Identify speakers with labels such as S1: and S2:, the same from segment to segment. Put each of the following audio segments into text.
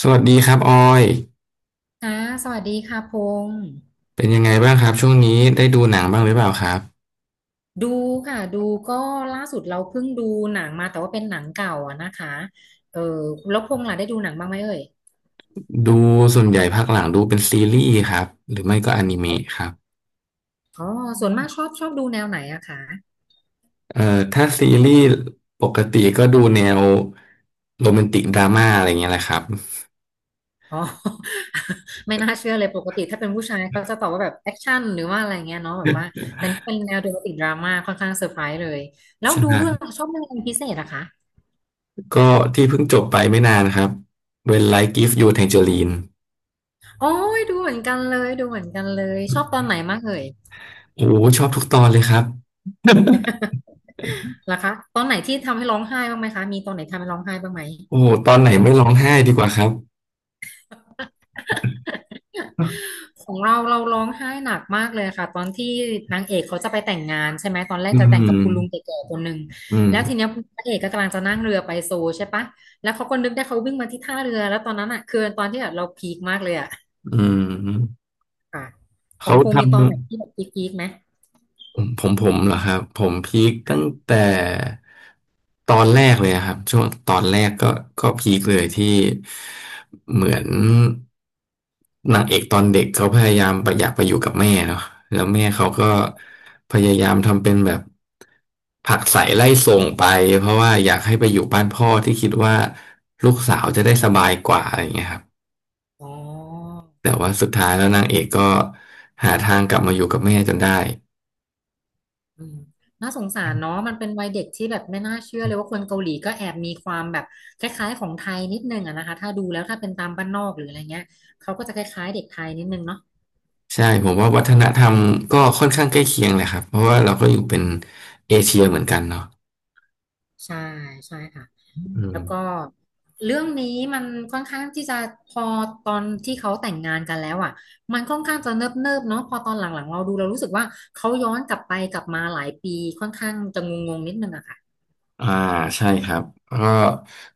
S1: สวัสดีครับออย
S2: ค่ะสวัสดีค่ะพงษ์
S1: เป็นยังไงบ้างครับช่วงนี้ได้ดูหนังบ้างหรือเปล่าครับ
S2: ดูค่ะดูก็ล่าสุดเราเพิ่งดูหนังมาแต่ว่าเป็นหนังเก่าอะนะคะเออแล้วพงษ์ล่ะได้ดูหนังบ้างไหมเอ่ย
S1: ดูส่วนใหญ่ภาคหลังดูเป็นซีรีส์ครับหรือไม่ก็อนิ
S2: อ๋อ
S1: เมะครับ
S2: อ๋อส่วนมากชอบดูแนวไหนอะคะ
S1: ถ้าซีรีส์ปกติก็ดูแนวโรแมนติกดราม่าอะไรเงี้ยแหละครับ
S2: อ๋อ ไม่น่าเชื่อเลยปกติถ้าเป็นผู้ชายเขาจะตอบว่าแบบแอคชั่นหรือว่าอะไรเงี้ยเนาะแบบว่าแต่นี่เป็นแนวโรแมนติกดราม่าค่อนข้างเซอร์ไพรส์เลยแล้ว
S1: ใช่
S2: ดู
S1: ไหม
S2: เรื่องชอบเรื่องอะไรเป็นพิเศษอะคะ
S1: ก็ที่เพิ่งจบไปไม่นานครับ When Life Gives You Tangerine
S2: โอ้ยดูเหมือนกันเลยดูเหมือนกันเลยชอบตอนไหนมากเอ่ย
S1: โอ้โหชอบทุกตอนเลยครับ
S2: เหรอคะตอนไหนที่ทำให้ร้องไห้บ้างไหมคะมีตอนไหนทำให้ร้องไห้บ้างไหม
S1: โอ้โหตอนไหนไม่ร้องไห้ดีกว่าครับ
S2: ของเราเราร้องไห้หนักมากเลยค่ะตอนที่นางเอกเขาจะไปแต่งงานใช่ไหมตอนแรก
S1: อื
S2: จะแต่ง
S1: ม
S2: กับคุณลุงแก่ๆคนหนึ่ง
S1: อืม
S2: แล้วทีเนี้ยพระเอกก็กำลังจะนั่งเรือไปโซลใช่ปะแล้วเขาก็นึกได้เขาวิ่งมาที่ท่าเรือแล้วตอนนั้นอ่ะคือตอนที่แบบเราพีคมากเลยอ่ะ
S1: อืม
S2: ค่ะของ
S1: เขา
S2: พงษ์มี
S1: ทำ
S2: ตอนไหนที่แบบพีคๆไหม
S1: ผมเหรอครับผมพีคตั้งแต่ตอนแรกเลยอะครับช่วงตอนแรกก็พีคเลยที่เหมือนนางเอกตอนเด็กเขาพยายามไปอยากไปอยู่กับแม่เนาะแล้วแม่เขาก็พยายามทำเป็นแบบผลักใส่ไล่ส่งไปเพราะว่าอยากให้ไปอยู่บ้านพ่อที่คิดว่าลูกสาวจะได้สบายกว่าอะไรอย่างเงี้ยครับ
S2: อ๋อ
S1: แต่ว่าสุดท้ายแล้วนางเอกก็หาทางกลับมาอยู่กับแม่จนได้
S2: อืมน่าสงสารเนาะมันเป็นวัยเด็กที่แบบไม่น่าเชื่อเลยว่าคนเกาหลีก็แอบมีความแบบคล้ายๆของไทยนิดนึงอะนะคะถ้าดูแล้วถ้าเป็นตามบ้านนอกหรืออะไรเงี้ยเขาก็จะคล้ายๆเด็กไทยนิดนึงเนาะ
S1: ใช่ผมว่าวัฒนธรรมก็ค่อนข้างใกล้เคียงเลยครับเพราะว่าเราก็อยู่เป็นเอเชียเหมือนกันเนาะ
S2: ใช่ใช่ค่ะ
S1: อืม
S2: แล้วก็เรื่องนี้มันค่อนข้างที่จะพอตอนที่เขาแต่งงานกันแล้วอ่ะมันค่อนข้างจะเนิบๆเนาะพอตอนหลังๆเราดูเรารู้สึกว่าเขาย้อนกลับไปกลับมาหลายปีค่อนข้างจะงงๆนิดนึงอะค่ะ
S1: อ่าใช่ครับก็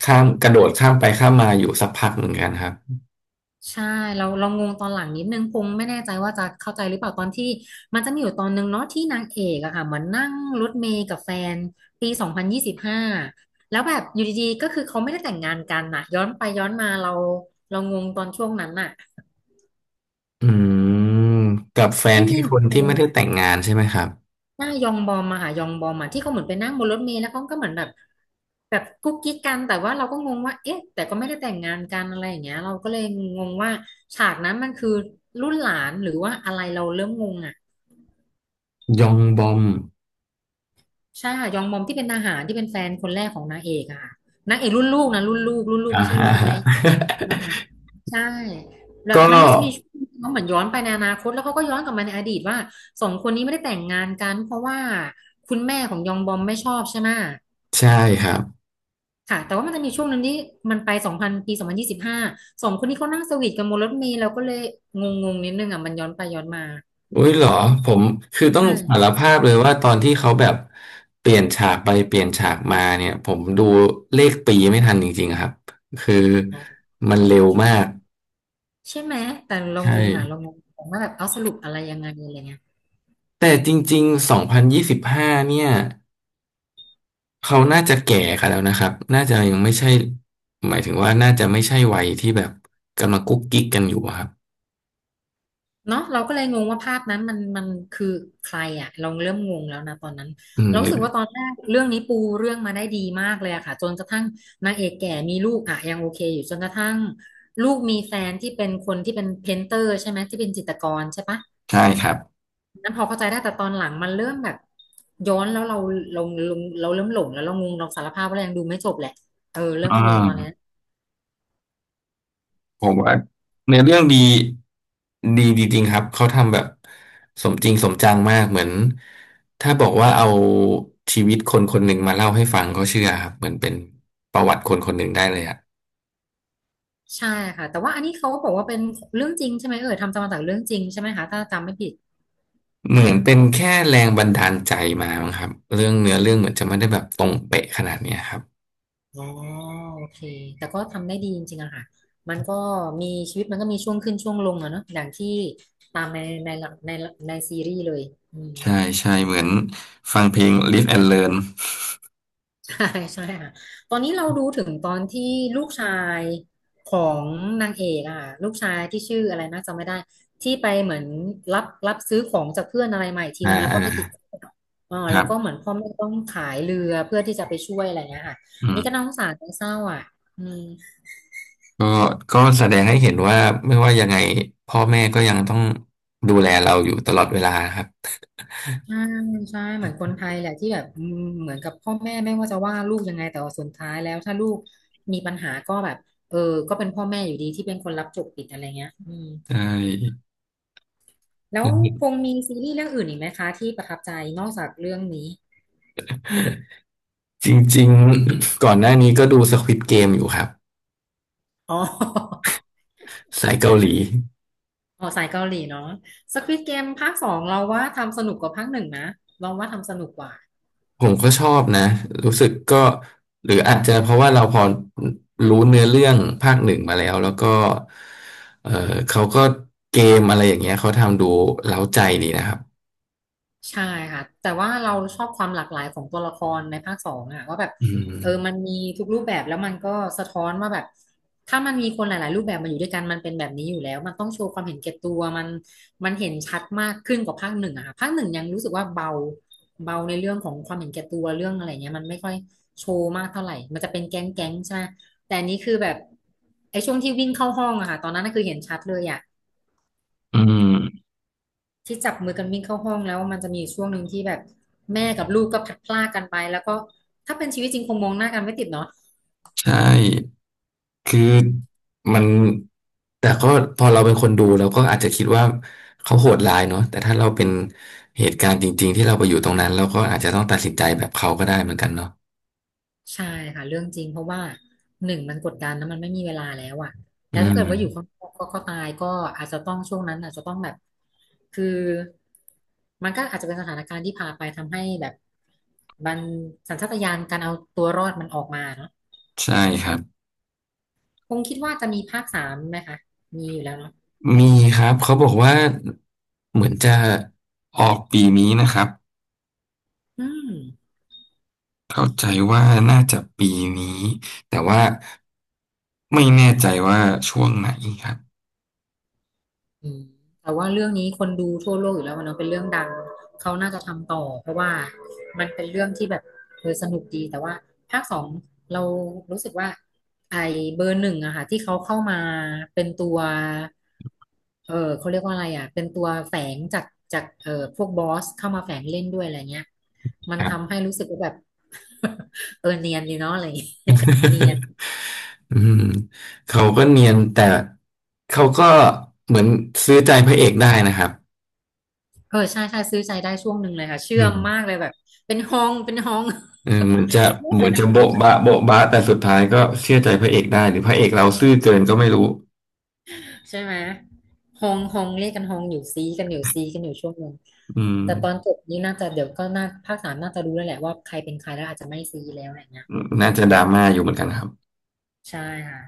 S1: ข้ามกระโดดข้ามไปข้ามมาอยู่สักพักเหมือนกันครับ
S2: ใช่เรางงตอนหลังนิดนึงพงไม่แน่ใจว่าจะเข้าใจหรือเปล่าตอนที่มันจะมีอยู่ตอนนึงเนาะที่นางเอกอะค่ะเหมือนนั่งรถเมล์กับแฟนปีสองพันยี่สิบห้าแล้วแบบอยู่ดีๆก็คือเขาไม่ได้แต่งงานกันน่ะย้อนไปย้อนมาเรางงตอนช่วงนั้นน่ะ
S1: อืมกับแฟน
S2: ที่
S1: ที่
S2: มีเหมื
S1: ค
S2: อน
S1: น
S2: ค
S1: ที่ไม่ได้แต่
S2: น
S1: งงานใช่ไหมครับ
S2: หน้ายองบอมอะค่ะยองบอมอะที่เขาเหมือนไปนั่งบนรถเมล์แล้วเขาก็เหมือนแบบแบบกุ๊กกิ๊กกันแต่ว่าเราก็งงว่าเอ๊ะแต่ก็ไม่ได้แต่งงานกันอะไรอย่างเงี้ยเราก็เลยงงว่าฉากนั้นมันคือรุ่นหลานหรือว่าอะไรเราเริ่มงงอะ
S1: ยองบอม
S2: ใช่ค่ะยองบอมที่เป็นทหารที่เป็นแฟนคนแรกของนางเอกอะค่ะนางเอกรุ่นลูกนะรุ่นลูกรุ่นลูก
S1: อ่า
S2: ไม่ใช่
S1: ฮะ
S2: รุ่นคุณแม่น่ารักใช่แบ บ
S1: ก็
S2: มันมีจะมีช่วงที่เขาเหมือนย้อนไปในอนาคตแล้วเขาก็ย้อนกลับมาในอดีตว่าสองคนนี้ไม่ได้แต่งงานกันเพราะว่าคุณแม่ของยองบอมไม่ชอบใช่ไหม
S1: ใช่ครับ
S2: ค่ะแต่ว่ามันจะมีช่วงหนึ่งที่มันไปสองพันปีสองพันยี่สิบห้าสองคนนี้เขานั่งสวีทกันบนรถเมล์เราก็เลยงงงนิดนึงอ่ะมันย้อนไปย้อนมา
S1: อุ้ยเหรอผมคือต้องสาร
S2: ใช่
S1: ภาพเลยว่าตอนที่เขาแบบเปลี่ยนฉากไปเปลี่ยนฉากมาเนี่ยผมดูเลขปีไม่ทันจริงๆครับคือมันเร็วมาก
S2: ใช่ไหมแต่เรา
S1: ใช่
S2: งงอ่ะเรางงว่าแบบเอาสรุปอะไรยังไงอะไรเงี้ย
S1: แต่จริงๆ2025เนี่ยเขาน่าจะแก่กันแล้วนะครับน่าจะยังไม่ใช่หมายถึงว่าน่าจะไม่ใช่วัยที่แบบกำลังกุ๊กกิ๊กกันอยู่อะครับ
S2: เนาะเราก็เลยงงว่าภาพนั้นมันคือใครอะเราเริ่มงงแล้วนะตอนนั้น
S1: อืม
S2: เรา
S1: ห
S2: รู้
S1: รือ
S2: สึกว่าตอนแรกเรื่องนี้ปูเรื่องมาได้ดีมากเลยอะค่ะจนกระทั่งนางเอกแก่มีลูกอะยังโอเคอยู่จนกระทั่งลูกมีแฟนที่เป็นคนที่เป็นเพนเตอร์ใช่ไหมที่เป็นจิตรกรใช่ปะ
S1: ใช่ครับ
S2: นั้นพอเข้าใจได้แต่ตอนหลังมันเริ่มแบบย้อนแล้วเราเราเราเริ่มหลงแล้วเรางงเราสารภาพว่าเรายังดูไม่จบแหละเออเริ่ม
S1: อ่
S2: งงตอนเนี้ย
S1: า ผมว่าเนื้อเรื่องดีดีจริงๆครับเขาทำแบบสมจริงสมจังมากเหมือนถ้าบอกว่าเอาชีวิตคนคนหนึ่งมาเล่าให้ฟังเขาเชื่อครับเหมือนเป็นประวัติคนคนหนึ่งได้เลยอะ
S2: ใช่ค่ะแต่ว่าอันนี้เขาก็บอกว่าเป็นเรื่องจริงใช่ไหมเออทำตามมาจากเรื่องจริงใช่ไหมคะถ้าจำไม่ผิด
S1: เหมือนเป็นแค่แรงบันดาลใจมามั้งครับเรื่องเนื้อเรื่องเหมือนจะไม่ได้แบบตรงเป๊ะขนาดเนี้ยครับ
S2: อ๋อโอเคแต่ก็ทำได้ดีจริงๆอะค่ะมันก็มีชีวิตมันก็มีช่วงขึ้นช่วงลงอะเนาะอย่างที่ตามในในหลักในในซีรีส์เลยอืม
S1: ใช่ใช่เหมือนฟังเพลง Live and Learn
S2: ใช่ใช่ค่ะตอนนี้เราดูถึงตอนที่ลูกชายของนางเอกอะ่ะลูกชายที่ชื่ออะไรนะจำไม่ได้ ที่ไปเหมือนรับซื้อของจากเพื่อนอะไรใหม่ที
S1: อ่า
S2: นึงแล้ว
S1: อ่า
S2: ก็ไปติดคุก
S1: ค
S2: แล้
S1: รั
S2: ว
S1: บ
S2: ก็เหมือนพ่อแม่ต้องขายเรือเพื่อที่จะไปช่วยอะไรเงี้ยค่ะ
S1: อื
S2: อันนี้ก็
S1: ม
S2: น่าสงสารน่าเศร้าอ่ะอืม
S1: ก็ก็แสดงให้เห็นว่าไม่ว่ายังไงพ่อแม่ก็ยังต้องดูแลเราอยู่ตลอดเวลาครับ
S2: ใช่ใช่เหมือนคนไทยแหละที่แบบเหมือนกับพ่อแม่ไม่ว่าจะว่าลูกยังไงแต่ว่าสุดท้ายแล้วถ้าลูกมีปัญหาก็แบบเออก็เป็นพ่อแม่อยู่ดีที่เป็นคนรับจบผิดอะไรเงี้ย
S1: ใช่
S2: แล้วพงมีซีรีส์เรื่องอื่นอีกไหมคะที่ประทับใจนอกจากเรื่องนี้
S1: จริงๆก่อนหน้านี้ก็ดู Squid Game อยู่ครับ
S2: อ๋อ
S1: สายเกาหลี
S2: อ๋อสายเกาหลีเนาะ Squid Game ภาคสองเราว่าทำสนุกกว่าภาคหนึ่งนะเราว่าทำสนุกกว่า
S1: ผมก็ชอบนะรู้สึกก็หรืออาจจะเพราะว่าเราพอรู้เนื้อเรื่องภาคหนึ่งมาแล้วแล้วก็เออเขาก็เกมอะไรอย่างเงี้ยเขาทำดูเร้าใจดีนะครับ
S2: ใช่ค่ะแต่ว่าเราชอบความหลากหลายของตัวละครในภาคสองอะว่าแบบ
S1: อื
S2: มัน
S1: ม
S2: มีทุกรูปแบบแล้วมันก็สะท้อนว่าแบบถ้ามันมีคนหลายๆรูปแบบมาอยู่ด้วยกันมันเป็นแบบนี้อยู่แล้วมันต้องโชว์ความเห็นแก่ตัวมันมันเห็นชัดมากขึ้นกว่าภาคหนึ่งอะค่ะภาคหนึ่งยังรู้สึกว่าเบาเบาในเรื่องของความเห็นแก่ตัวเรื่องอะไรเงี้ยมันไม่ค่อยโชว์มากเท่าไหร่มันจะเป็นแก๊งแก๊งใช่ไหมแต่อันนี้คือแบบไอ้ช่วงที่วิ่งเข้าห้องอะค่ะตอนนั้นน่ะคือเห็นชัดเลยอะ
S1: อืม
S2: ที่จับมือกันวิ่งเข้าห้องแล้วมันจะมีอยู่ช่วงหนึ่งที่แบบแม่กับลูกก็พลัดพรากกันไปแล้วก็ถ้าเป็นชีวิตจริงคงมองหน้ากันไม่ติดเนาะ
S1: ใช่ คือมันแต่ก็พอเราเป็นคนดูเราก็อาจจะคิดว่าเขาโหดร้ายเนาะแต่ถ้าเราเป็นเหตุการณ์จริงๆที่เราไปอยู่ตรงนั้นเราก็อาจจะต้องตัดสินใจแบบเขาก็ได้เหมือนกันเนาะ
S2: ใช่ค่ะเรื่องจริงเพราะว่าหนึ่งมันกดดันแล้วมันไม่มีเวลาแล้วอะ
S1: อื
S2: แล้วถ้า
S1: ม
S2: เกิดว่าอยู่ข้างนอกก็ก็ตายก็อาจจะต้องช่วงนั้นอาจจะต้องแบบคือมันก็อาจจะเป็นสถานการณ์ที่พาไปทำให้แบบมันสัญชาตญาณการเอาตัวรอดมันออกมาเนาะ
S1: ใช่ครับ
S2: คงคิดว่าจะมีภาคสามไหมคะมีอยู่แล้วเนาะ
S1: มีครับเขาบอกว่าเหมือนจะออกปีนี้นะครับ
S2: อืม
S1: เข้าใจว่าน่าจะปีนี้แต่ว่าไม่แน่ใจว่าช่วงไหนครับ
S2: อืมแต่ว่าเรื่องนี้คนดูทั่วโลกอยู่แล้วมันเนอะเป็นเรื่องดังเขาน่าจะทำต่อเพราะว่ามันเป็นเรื่องที่แบบสนุกดีแต่ว่าภาคสองเรารู้สึกว่าไอเบอร์หนึ่งอะค่ะที่เขาเข้ามาเป็นตัวเขาเรียกว่าอะไรอะเป็นตัวแฝงจากจากพวกบอสเข้ามาแฝงเล่นด้วยอะไรเงี้ยมัน
S1: ครั
S2: ทำให้
S1: บ
S2: รู้สึกว่าแบบ เนียนดีเนาะอะไรอย่างเงี้ยเนียน
S1: อืมเขาก็เนียนแต่เขาก็เหมือนซื้อใจพระเอกได้นะครับ
S2: เออใช่ใช่ซื้อใจได้ช่วงหนึ่งเลยค่ะเชื่อ
S1: อื
S2: ม
S1: ม
S2: มากเลยแบบเป็นฮองเป็นฮอง
S1: เออเหมือนจะ
S2: เรียก
S1: เหมื
S2: กั
S1: อน
S2: น
S1: จะ
S2: ฮอง
S1: โบ๊ะบะโบ๊ะบะแต่สุดท้ายก็เชื่อใจพระเอกได้หรือพระเอกเราซื่อเกินก็ไม่รู้
S2: ใช่ไหมฮองฮองเรียกกันฮองอยู่ซีกันอยู่ซีกันอยู่ช่วงหนึ่ง
S1: อืม
S2: แต่ตอนจบนี้น่าจะเดี๋ยวก็น่าภาคสามน่าจะรู้แล้วแหละว่าใครเป็นใครแล้วอาจจะไม่ซีแล้วอะไรเงี้ย
S1: น่า
S2: อื
S1: จะ
S2: ม
S1: ดราม่าอยู่เหมือนกันครับ
S2: ใช่ค่ะ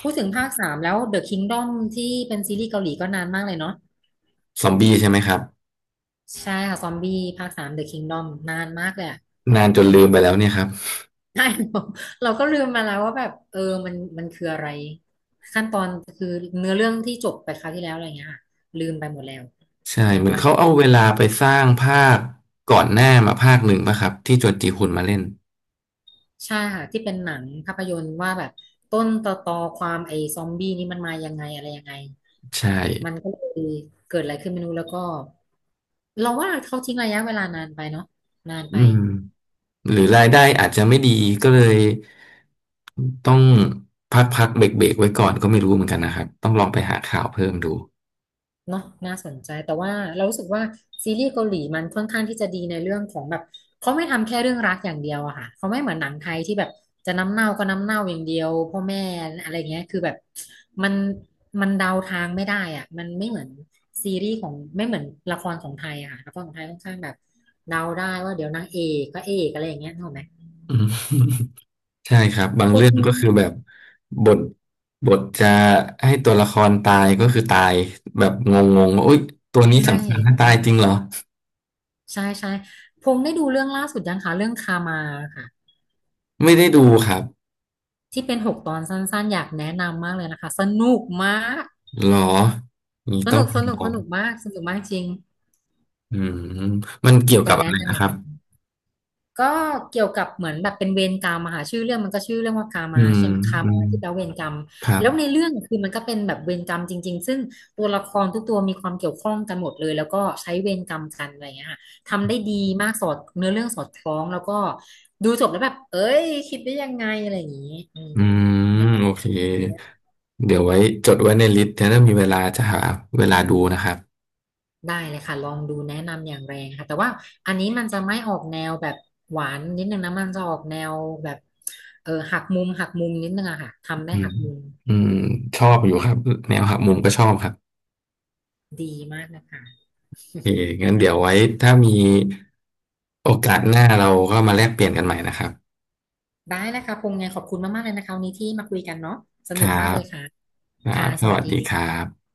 S2: พูดถึงภาคสามแล้ว The Kingdom ที่เป็นซีรีส์เกาหลีก็นานมากเลยเนาะ
S1: ซอมบี้ใช่ไหมครับ
S2: ใช่ค่ะซอมบี้ภาคสาม The Kingdom นานมากเลยอะ
S1: นานจนลืมไปแล้วเนี่ยครับ
S2: ใช่เราเราก็ลืมมาแล้วว่าแบบมันคืออะไรขั้นตอนคือเนื้อเรื่องที่จบไปคราวที่แล้วอะไรเงี้ยค่ะลืมไปหมดแล้ว
S1: ใช่
S2: นะ
S1: เหมือ
S2: ตอ
S1: น
S2: น
S1: เขา
S2: นี้
S1: เอาเวลาไปสร้างภาคก่อนหน้ามาภาคหนึ่งป่ะครับที่จวนจีฮุนมาเล่น
S2: ใช่ค่ะที่เป็นหนังภาพยนตร์ว่าแบบต้นตอตอความไอ้ซอมบี้นี่มันมายังไงอะไรยังไง
S1: ใช่
S2: มันก็เลยเกิดอะไรขึ้นไม่รู้แล้วก็เราว่าเขาทิ้งระยะเวลานานไปเนาะนาน
S1: อื
S2: ไป
S1: ม หรือรายได้อาจจะไม่ดีก็เลยต้องพักพักเบรกเบรกๆไว้ก่อนก็ไม่รู้เหมือนกันนะครับต้องลองไปหาข่าวเพิ่มดู
S2: เนาะน่าสนใจแต่ว่าเรารู้สึกว่าซีรีส์เกาหลีมันค่อนข้างที่จะดีในเรื่องของแบบเขาไม่ทำแค่เรื่องรักอย่างเดียวอะค่ะเขาไม่เหมือนหนังไทยที่แบบจะน้ำเน่าก็น้ำเน่าอย่างเดียวพ่อแม่อะไรเงี้ยคือแบบมันมันเดาทางไม่ได้อะมันไม่เหมือนซีรีส์ของไม่เหมือนละครของไทยอะค่ะละครของไทยค่อนข้างแบบเดาได้ว่าเดี๋ยวนางเอกก็เอกอะไรอย่างเงี้ยถูกไหม
S1: อืม ใช่ครับบาง
S2: พวก
S1: เรื่อง
S2: นี้
S1: ก็คือแบบบทบทจะให้ตัวละครตายก็คือตายแบบงงๆว่าโอ๊ยตัวนี้
S2: ใช่
S1: สำคัญถ้าตายจริงเหรอ
S2: ใช่ใช่พงษ์ได้ดูเรื่องล่าสุดยังคะเรื่องคามาค่ะ
S1: ไม่ได้ดูครับ
S2: ที่เป็นหกตอนสั้นๆอยากแนะนำมากเลยนะคะสนุกมาก
S1: หรอนี่
S2: ส
S1: ต้อ
S2: นุ
S1: ง
S2: ก
S1: ไป
S2: ส
S1: ล
S2: นุก
S1: อ
S2: ส
S1: ง
S2: นุกมากสนุกมากจริง
S1: อืมมันเกี่ยว
S2: อ
S1: กั
S2: ยา
S1: บ
S2: ก
S1: อะ
S2: แนะ
S1: ไร
S2: นำ
S1: นะ
S2: แบ
S1: ค
S2: บ
S1: รับ
S2: นี้ก็เกี่ยวกับเหมือนแบบเป็นเวรกรรมอะค่ะชื่อเรื่องมันก็ชื่อเรื่องว่าคา
S1: อื
S2: มา
S1: ม
S2: ใช่ไหมคา
S1: อื
S2: มา
S1: ม
S2: ที่แปลว่าเวรกรรม
S1: ครั
S2: แล้วใน
S1: บ
S2: เรื่องคือมันก็เป็นแบบเวรกรรมจริงๆซึ่งตัวละครทุกตัวมีความเกี่ยวข้องกันหมดเลยแล้วก็ใช้เวรกรรมกันอะไรอย่างเงี้ยค่ะทำได้ดีมากสอดเนื้อเรื่องสอดคล้องแล้วก็ดูจบแล้วแบบเอ้ยคิดได้ยังไงอะไรอย่างงี้อืม
S1: อืมโอเคเดี๋ยวไว้จดไว้ในลิสต์นะถ้ามีเวลาจะหาเวลาดูนะครับ
S2: ได้เลยค่ะลองดูแนะนำอย่างแรงค่ะแต่ว่าอันนี้มันจะไม่ออกแนวแบบหวานนิดนึงนะมันจะออกแนวแบบหักมุมหักมุมนิดนึงอะค่ะทำได้
S1: อืม
S2: หักมุม
S1: อืมชอบอยู่ครับแนวหักมุมก็ชอบครับ
S2: ดีมากนะคะ
S1: โอเคงั้นเดี๋ยวไว้ถ้ามีโอกาสหน้าเราก็มาแลกเปลี่ยนกันใหม่นะครับ
S2: ได้นะคะพงษ์ไงขอบคุณมากๆเลยนะคะวันนี้ที่มาคุยกันเนาะส
S1: ค
S2: นุก
S1: รั
S2: มากเล
S1: บ
S2: ยค่ะ
S1: ครั
S2: ค่ะ
S1: บ
S2: ส
S1: ส
S2: วัส
S1: วัสดีค
S2: ดี
S1: รับ